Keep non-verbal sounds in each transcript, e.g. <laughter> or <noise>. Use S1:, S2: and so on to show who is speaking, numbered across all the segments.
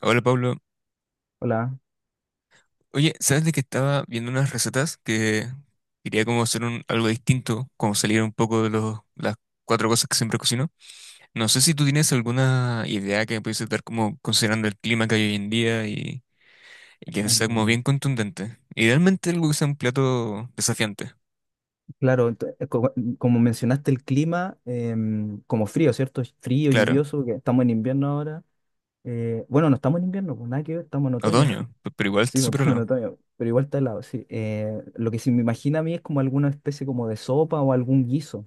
S1: Hola Pablo.
S2: Hola.
S1: Oye, ¿sabes de que estaba viendo unas recetas que quería como hacer algo distinto, como salir un poco de las cuatro cosas que siempre cocino? No sé si tú tienes alguna idea que me pudiese dar como considerando el clima que hay hoy en día y que sea como
S2: Eh,
S1: bien contundente. Idealmente algo que sea un plato desafiante,
S2: claro, como mencionaste el clima, como frío, ¿cierto? Es frío,
S1: claro.
S2: lluvioso, que estamos en invierno ahora. Bueno, no estamos en invierno, pues nada que ver, estamos en otoño. <laughs>
S1: Otoño, pero igual está
S2: Sí, pues,
S1: súper
S2: estamos en
S1: helado.
S2: otoño, pero igual está helado, sí. Lo que sí me imagina a mí es como alguna especie como de sopa o algún guiso.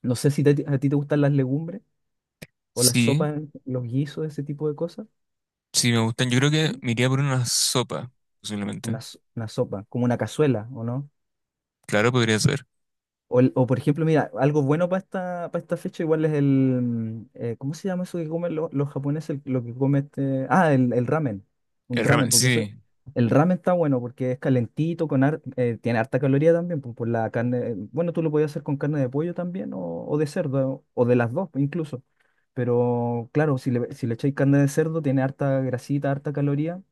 S2: No sé si a ti te gustan las legumbres o las
S1: Sí,
S2: sopas, los guisos, ese tipo de cosas.
S1: sí me gustan. Yo creo que
S2: Sí.
S1: me iría por una sopa, posiblemente.
S2: Una, una sopa, como una cazuela, ¿o no?
S1: Claro, podría ser.
S2: O, o, por ejemplo, mira, algo bueno para para esta fecha igual es el. ¿Cómo se llama eso que comen los japoneses? Lo que come este... Ah, el ramen. Un
S1: El
S2: ramen,
S1: ramen,
S2: porque eso...
S1: sí,
S2: El ramen está bueno porque es calentito, con tiene harta caloría también, pues, por la carne... Bueno, tú lo podías hacer con carne de pollo también o de cerdo, o de las dos incluso. Pero claro, si le echáis carne de cerdo, tiene harta grasita, harta caloría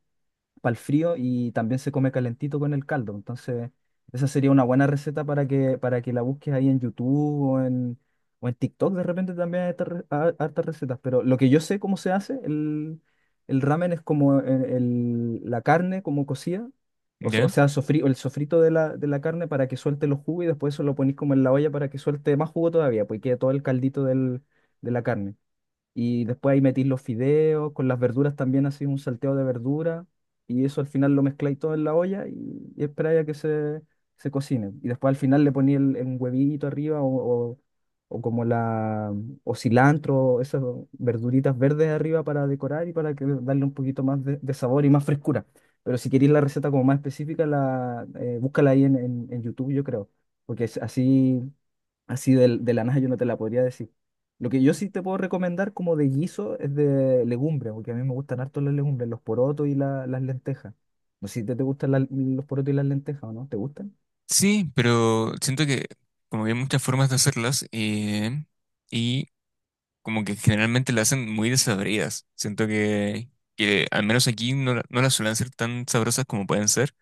S2: para el frío y también se come calentito con el caldo. Entonces, esa sería una buena receta para para que la busques ahí en YouTube o en TikTok. De repente también hay hartas recetas. Pero lo que yo sé cómo se hace, el ramen es como la carne como cocida.
S1: sí,
S2: O, o
S1: ¿ya?
S2: sea, el sofrito de la carne para que suelte los jugos y después eso lo ponís como en la olla para que suelte más jugo todavía, pues y quede todo el caldito de la carne. Y después ahí metís los fideos, con las verduras también así un salteo de verdura. Y eso al final lo mezcláis todo en la y esperáis a que se cocine. Y después al final le poní el, un huevito arriba o o- como o cilantro, esas verduritas verdes arriba para decorar y para darle un poquito más de sabor y más frescura. Pero si queréis la receta como más específica, búscala ahí en YouTube, yo creo. Porque es así. Así de la nada yo no te la podría decir. Lo que yo sí te puedo recomendar como de guiso es de legumbres, porque a mí me gustan harto las legumbres, los porotos y las lentejas. No sé si te gustan los porotos y las lentejas o no, ¿te gustan?
S1: Sí, pero siento que como que hay muchas formas de hacerlas y como que generalmente las hacen muy desabridas. Que al menos aquí no, no las suelen ser tan sabrosas como pueden ser,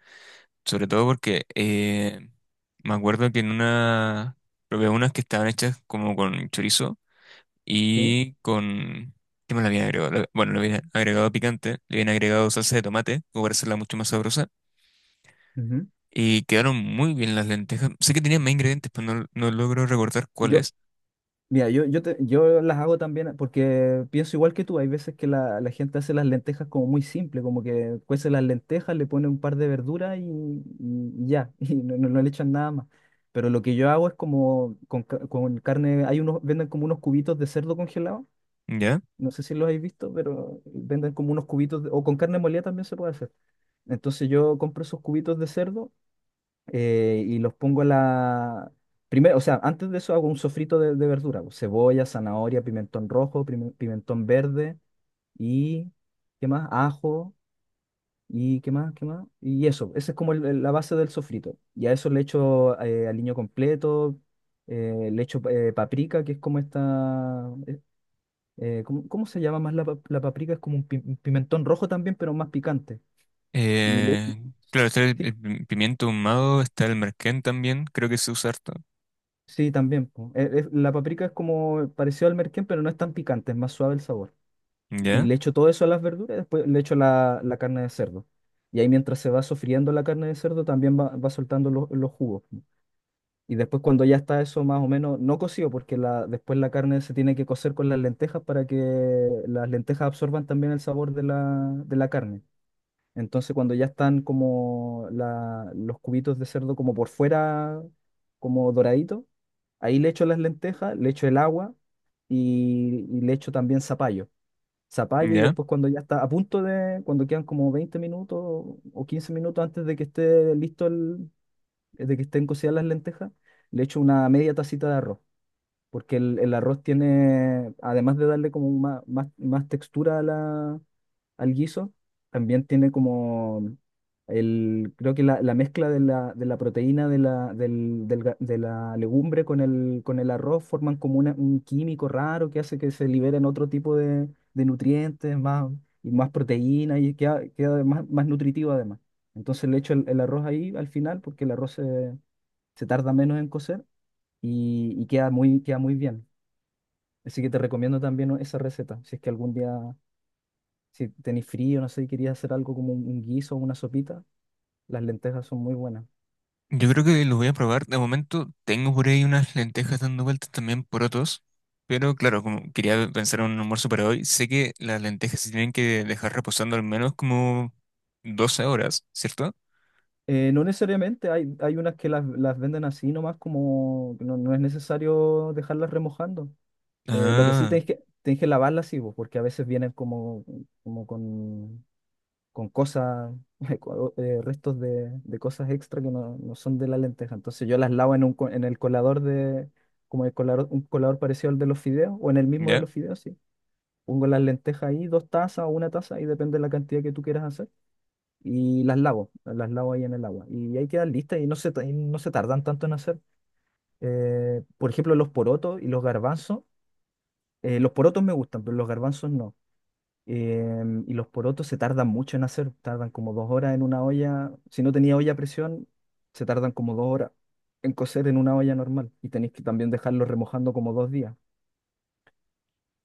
S1: sobre todo porque me acuerdo que en una probé unas que estaban hechas como con chorizo
S2: Sí.
S1: y con... ¿Qué me la habían agregado? Bueno, le habían agregado picante, le habían agregado salsa de tomate, como para hacerla mucho más sabrosa.
S2: Ujú.
S1: Y quedaron muy bien las lentejas. Sé que tenía más ingredientes, pero no, no logro recordar
S2: Yo,
S1: cuáles.
S2: Mira, yo las hago también porque pienso igual que tú. Hay veces que la gente hace las lentejas como muy simple, como que cuece las lentejas, le pone un par de verduras y ya, <laughs> y no le echan nada más. Pero lo que yo hago es como con carne, hay unos, venden como unos cubitos de cerdo congelado,
S1: ¿Ya?
S2: no sé si los habéis visto, pero venden como unos cubitos, o con carne molida también se puede hacer. Entonces yo compro esos cubitos de cerdo y los pongo en la... Primero, o sea, antes de eso hago un sofrito de verdura, pues, cebolla, zanahoria, pimentón rojo, pimentón verde y, ¿qué más? Ajo y, ¿qué más? ¿Qué más? Y eso, esa es como la base del sofrito. Y a eso le echo aliño completo, le echo paprika, que es como esta. ¿Cómo, cómo se llama más la paprika? Es como un pimentón rojo también, pero más picante. Y le,
S1: Eh, claro, está
S2: Sí,
S1: el pimiento ahumado, está el merquén también, creo que se usa harto.
S2: sí, también, po. La paprika es como parecido al merquén, pero no es tan picante, es más suave el sabor. Y
S1: ¿Ya?
S2: le echo todo eso a las verduras y después le echo la carne de cerdo. Y ahí mientras se va sofriendo la carne de cerdo también va soltando los jugos, po. Y después cuando ya está eso más o menos, no cocido, porque después la carne se tiene que cocer con las lentejas para que las lentejas absorban también el sabor de de la carne. Entonces, cuando ya están como los cubitos de cerdo como por fuera, como doradito, ahí le echo las lentejas, le echo el agua y le echo también zapallo. Zapallo y
S1: ¿Ya?
S2: después cuando ya está a punto de, cuando quedan como 20 minutos o 15 minutos antes de que esté listo de que estén cocidas las lentejas, le echo una media tacita de arroz, porque el arroz tiene, además de darle como más textura al guiso. También tiene como el, creo que la mezcla de de la proteína de la, del- del ga- de la legumbre con con el arroz forman como un químico raro que hace que se liberen otro tipo de nutrientes, más, y más proteína y queda más, más nutritivo además. Entonces le echo el arroz ahí al final porque el arroz se tarda menos en cocer y queda muy bien. Así que te recomiendo también esa receta, si es que algún día si tenéis frío, no sé, y querías hacer algo como un guiso o una sopita, las lentejas son muy buenas.
S1: Yo creo que los voy a probar. De momento tengo por ahí unas lentejas dando vueltas también por otros. Pero claro, como quería pensar en un almuerzo para hoy, sé que las lentejas se tienen que dejar reposando al menos como 12 horas, ¿cierto?
S2: No necesariamente, hay unas que las venden así nomás, como no, no es necesario dejarlas remojando. Lo que sí
S1: Ah,
S2: tenéis tenéis que lavarlas, sí, vos, porque a veces vienen como con, con cosas, <laughs> restos de cosas extra que no, no son de la lenteja. Entonces yo las lavo en el colador como el colador, un colador parecido al de los fideos, o en el mismo de
S1: ¿ya?
S2: los fideos, sí. Pongo las lentejas ahí, dos tazas o una taza, y depende de la cantidad que tú quieras hacer. Y las lavo ahí en el agua. Y ahí quedan listas y no y no se tardan tanto en hacer. Por ejemplo, los porotos y los garbanzos. Los porotos me gustan, pero los garbanzos no. Y los porotos se tardan mucho en hacer, tardan como dos horas en una olla. Si no tenía olla a presión, se tardan como dos horas en cocer en una olla normal. Y tenéis que también dejarlo remojando como dos días.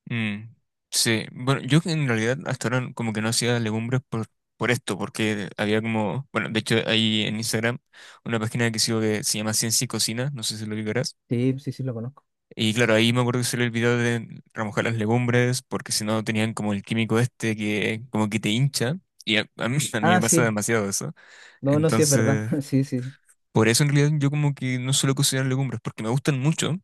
S1: Mm, sí, bueno, yo en realidad hasta ahora como que no hacía legumbres por esto, porque había como, bueno, de hecho ahí en Instagram una página que sigo que se llama Ciencia y Cocina, no sé si lo ubicarás,
S2: Sí, sí, sí, lo conozco.
S1: y claro, ahí me acuerdo que salió el video de remojar las legumbres, porque si no tenían como el químico este que como que te hincha, y a mí, <laughs> a mí me
S2: Ah,
S1: pasa
S2: sí.
S1: demasiado eso,
S2: No, no, sí es verdad.
S1: entonces
S2: <laughs> Sí, sí.
S1: por eso en realidad yo como que no suelo cocinar legumbres, porque me gustan mucho,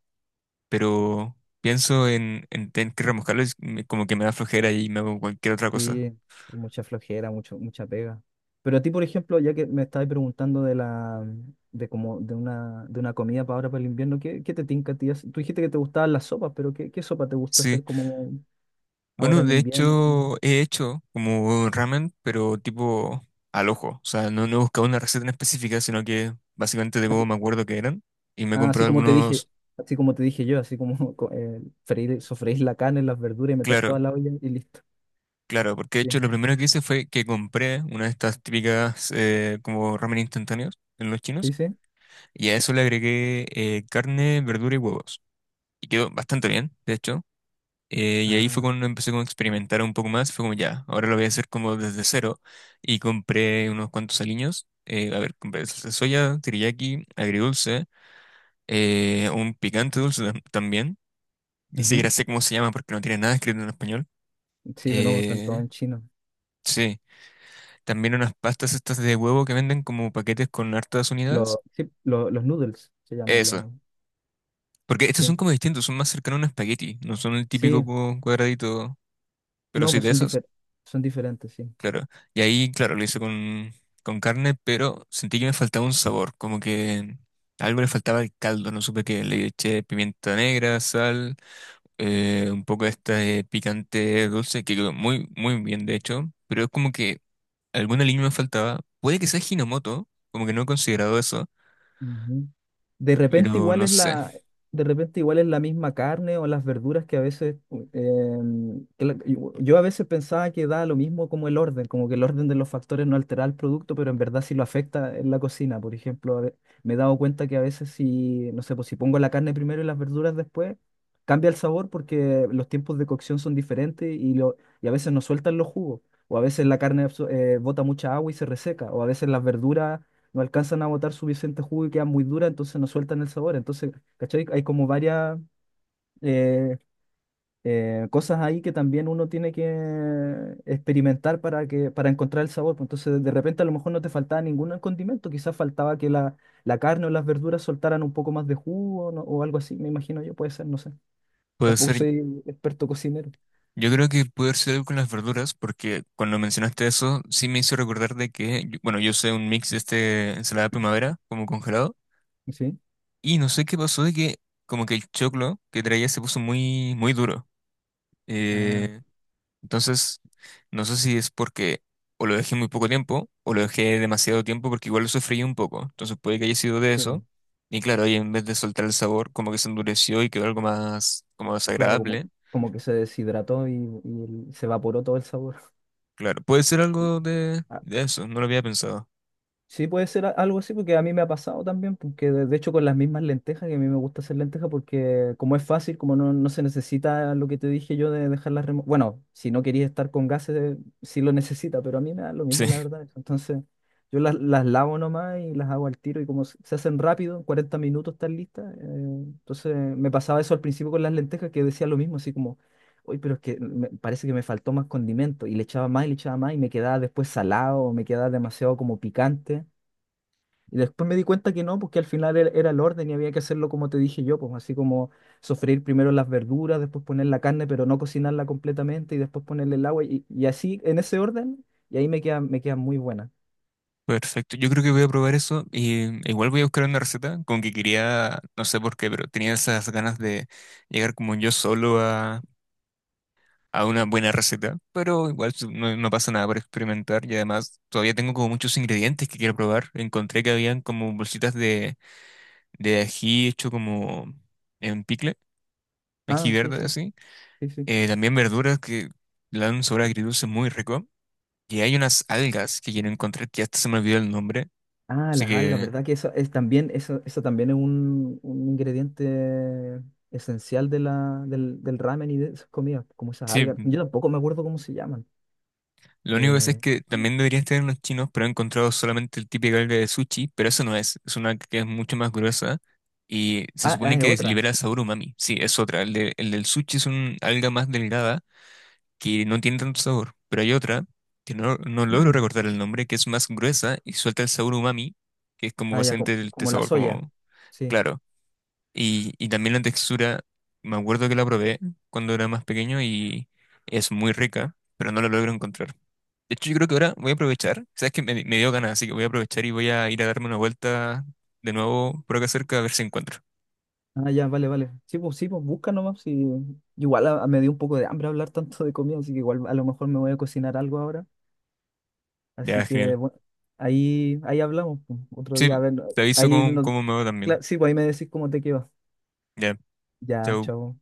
S1: pero pienso en tener que remojarlo como que me da flojera y me hago cualquier otra cosa.
S2: Sí, mucha flojera, mucho, mucha pega. Pero a ti, por ejemplo, ya que me estabas preguntando de la, de como, de una comida para ahora para el invierno, ¿qué, qué te tinca a ti hacer? Tú dijiste que te gustaban las sopas, pero ¿qué, qué sopa te gusta
S1: Sí,
S2: hacer como ahora
S1: bueno,
S2: en
S1: de
S2: invierno?
S1: hecho he hecho como ramen, pero tipo al ojo. O sea, no, no he buscado una receta en específica, sino que básicamente de cómo me acuerdo que eran. Y me he
S2: Ah, así
S1: comprado
S2: como te dije,
S1: algunos,
S2: así como te dije yo, así como <laughs> freír, sofreír la carne, las verduras y meter toda
S1: claro,
S2: la olla y listo.
S1: claro, porque de
S2: Sí,
S1: hecho lo primero que hice fue que compré una de estas típicas como ramen instantáneos en los
S2: sí,
S1: chinos.
S2: sí.
S1: Y a eso le agregué carne, verdura y huevos. Y quedó bastante bien, de hecho. Y ahí fue
S2: Ah,
S1: cuando empecé como a experimentar un poco más. Fue como ya, ahora lo voy a hacer como desde cero. Y compré unos cuantos aliños. A ver, compré salsa de soya, teriyaki, agridulce, un picante dulce también. Ni
S2: ujú.
S1: siquiera sé cómo se llama porque no tiene nada escrito en español.
S2: Sí, pero no, están todos
S1: Eh,
S2: en chino.
S1: sí, también unas pastas estas de huevo que venden como paquetes con hartas unidades.
S2: Los noodles se llaman
S1: Eso.
S2: los.
S1: Porque estos son
S2: Sí.
S1: como distintos, son más cercanos a un espagueti. No son el típico
S2: Sí,
S1: cuadradito, pero
S2: no,
S1: sí
S2: pues
S1: de esos.
S2: son diferentes, sí.
S1: Claro. Y ahí, lo hice con carne, pero sentí que me faltaba un sabor, como que algo le faltaba al caldo, no supe qué. Le eché pimienta negra, sal, un poco de este picante dulce, que quedó muy, muy bien, de hecho, pero es como que alguna línea me faltaba. Puede que sea Hinomoto, como que no he considerado eso,
S2: Ujú. De repente
S1: pero
S2: igual
S1: no
S2: es
S1: sé.
S2: de repente igual es la misma carne o las verduras que a veces, yo yo a veces pensaba que da lo mismo como el orden, como que el orden de los factores no altera el producto, pero en verdad sí lo afecta en la cocina. Por ejemplo, me he dado cuenta que a veces si, no sé, pues si pongo la carne primero y las verduras después, cambia el sabor porque los tiempos de cocción son diferentes y a veces no sueltan los jugos. O a veces la carne bota mucha agua y se reseca. O a veces las verduras no alcanzan a botar suficiente jugo y queda muy dura entonces no sueltan el sabor. Entonces, ¿cachai? Hay como varias eh, cosas ahí que también uno tiene que experimentar para para encontrar el sabor, pues. Entonces, de repente a lo mejor no te faltaba ningún condimento, quizás faltaba que la carne o las verduras soltaran un poco más de jugo ¿no? o algo así, me imagino yo, puede ser, no sé.
S1: Puede
S2: Tampoco
S1: ser,
S2: soy experto cocinero,
S1: yo creo que puede haber sido algo con las verduras, porque cuando mencionaste eso, sí me hizo recordar de que, bueno, yo usé un mix de este ensalada primavera, como congelado.
S2: ¿sí?
S1: Y no sé qué pasó de que como que el choclo que traía se puso muy, muy duro.
S2: Ah,
S1: Eh, entonces, no sé si es porque o lo dejé muy poco tiempo o lo dejé demasiado tiempo porque igual lo sofreí un poco. Entonces puede que haya sido de
S2: sí, pues,
S1: eso. Y claro, ahí en vez de soltar el sabor, como que se endureció y quedó algo más como
S2: claro, como,
S1: desagradable.
S2: como que se deshidrató se evaporó todo el sabor.
S1: Claro, puede ser algo de
S2: <laughs>
S1: eso, no lo había pensado.
S2: Sí, puede ser algo así, porque a mí me ha pasado también, porque de hecho con las mismas lentejas, que a mí me gusta hacer lentejas, porque como es fácil, como no, no se necesita lo que te dije yo de dejarlas remojar. Bueno, si no querías estar con gases, sí lo <laughs> necesita, pero a mí me da lo
S1: Sí.
S2: mismo, la verdad. Entonces, yo las lavo nomás y las hago al tiro, y como se hacen rápido, en 40 minutos están listas. Entonces, me pasaba eso al principio con las lentejas, que decía lo mismo, así como, uy, pero es que parece que me faltó más condimento, y le echaba más y le echaba más, y me quedaba después salado, o me quedaba demasiado como picante. Y después me di cuenta que no, porque al final era el orden y había que hacerlo como te dije yo, pues así como sofreír primero las verduras, después poner la carne, pero no cocinarla completamente y después ponerle el agua y así en ese orden y ahí me queda muy buena.
S1: Perfecto, yo creo que voy a probar eso y igual voy a buscar una receta, como que quería, no sé por qué, pero tenía esas ganas de llegar como yo solo a una buena receta, pero igual no, no pasa nada por experimentar y además todavía tengo como muchos ingredientes que quiero probar, encontré que habían como bolsitas de ají hecho como en picle, ají
S2: Ah, sí,
S1: verde
S2: sí,
S1: así.
S2: sí, sí.
S1: También verduras que le dan un sabor agridulce muy rico y hay unas algas que quiero encontrar que hasta se me olvidó el nombre,
S2: Ah,
S1: así
S2: las algas,
S1: que...
S2: ¿verdad? Que eso es también, eso también es un ingrediente esencial de del ramen y de esas comidas, como esas
S1: Sí,
S2: algas. Yo tampoco me acuerdo cómo se llaman.
S1: lo único que sé es
S2: Eh,
S1: que también deberían tener unos chinos, pero he encontrado solamente el típico alga de sushi, pero eso no es, es una que es mucho más gruesa y se
S2: ah, ah,
S1: supone
S2: es
S1: que
S2: otra.
S1: libera sabor umami. Sí, es otra. El del sushi es un alga más delgada que no tiene tanto sabor, pero hay otra que no, no logro
S2: <clears throat>
S1: recordar el nombre, que es más gruesa y suelta el sabor umami, que es como
S2: Ah, ya,
S1: básicamente el, este
S2: como la
S1: sabor
S2: soya.
S1: como
S2: Sí.
S1: claro. Y también la textura, me acuerdo que la probé cuando era más pequeño y es muy rica, pero no la logro encontrar. De hecho, yo creo que ahora voy a aprovechar. Sabes que me dio ganas, así que voy a aprovechar y voy a ir a darme una vuelta de nuevo por acá cerca a ver si encuentro.
S2: Ah, ya, vale, vale. Sí, pues busca nomás. Sí. Igual me dio un poco de hambre hablar tanto de comida, así que igual a lo mejor me voy a cocinar algo ahora.
S1: Ya,
S2: Así que
S1: genial.
S2: bueno, ahí, ahí hablamos, pues. Otro
S1: Sí,
S2: día, a ver,
S1: te aviso
S2: ahí
S1: cómo,
S2: no...
S1: cómo me va también.
S2: Sí, pues ahí me decís cómo te quedó.
S1: Ya,
S2: Ya,
S1: chao.
S2: chao.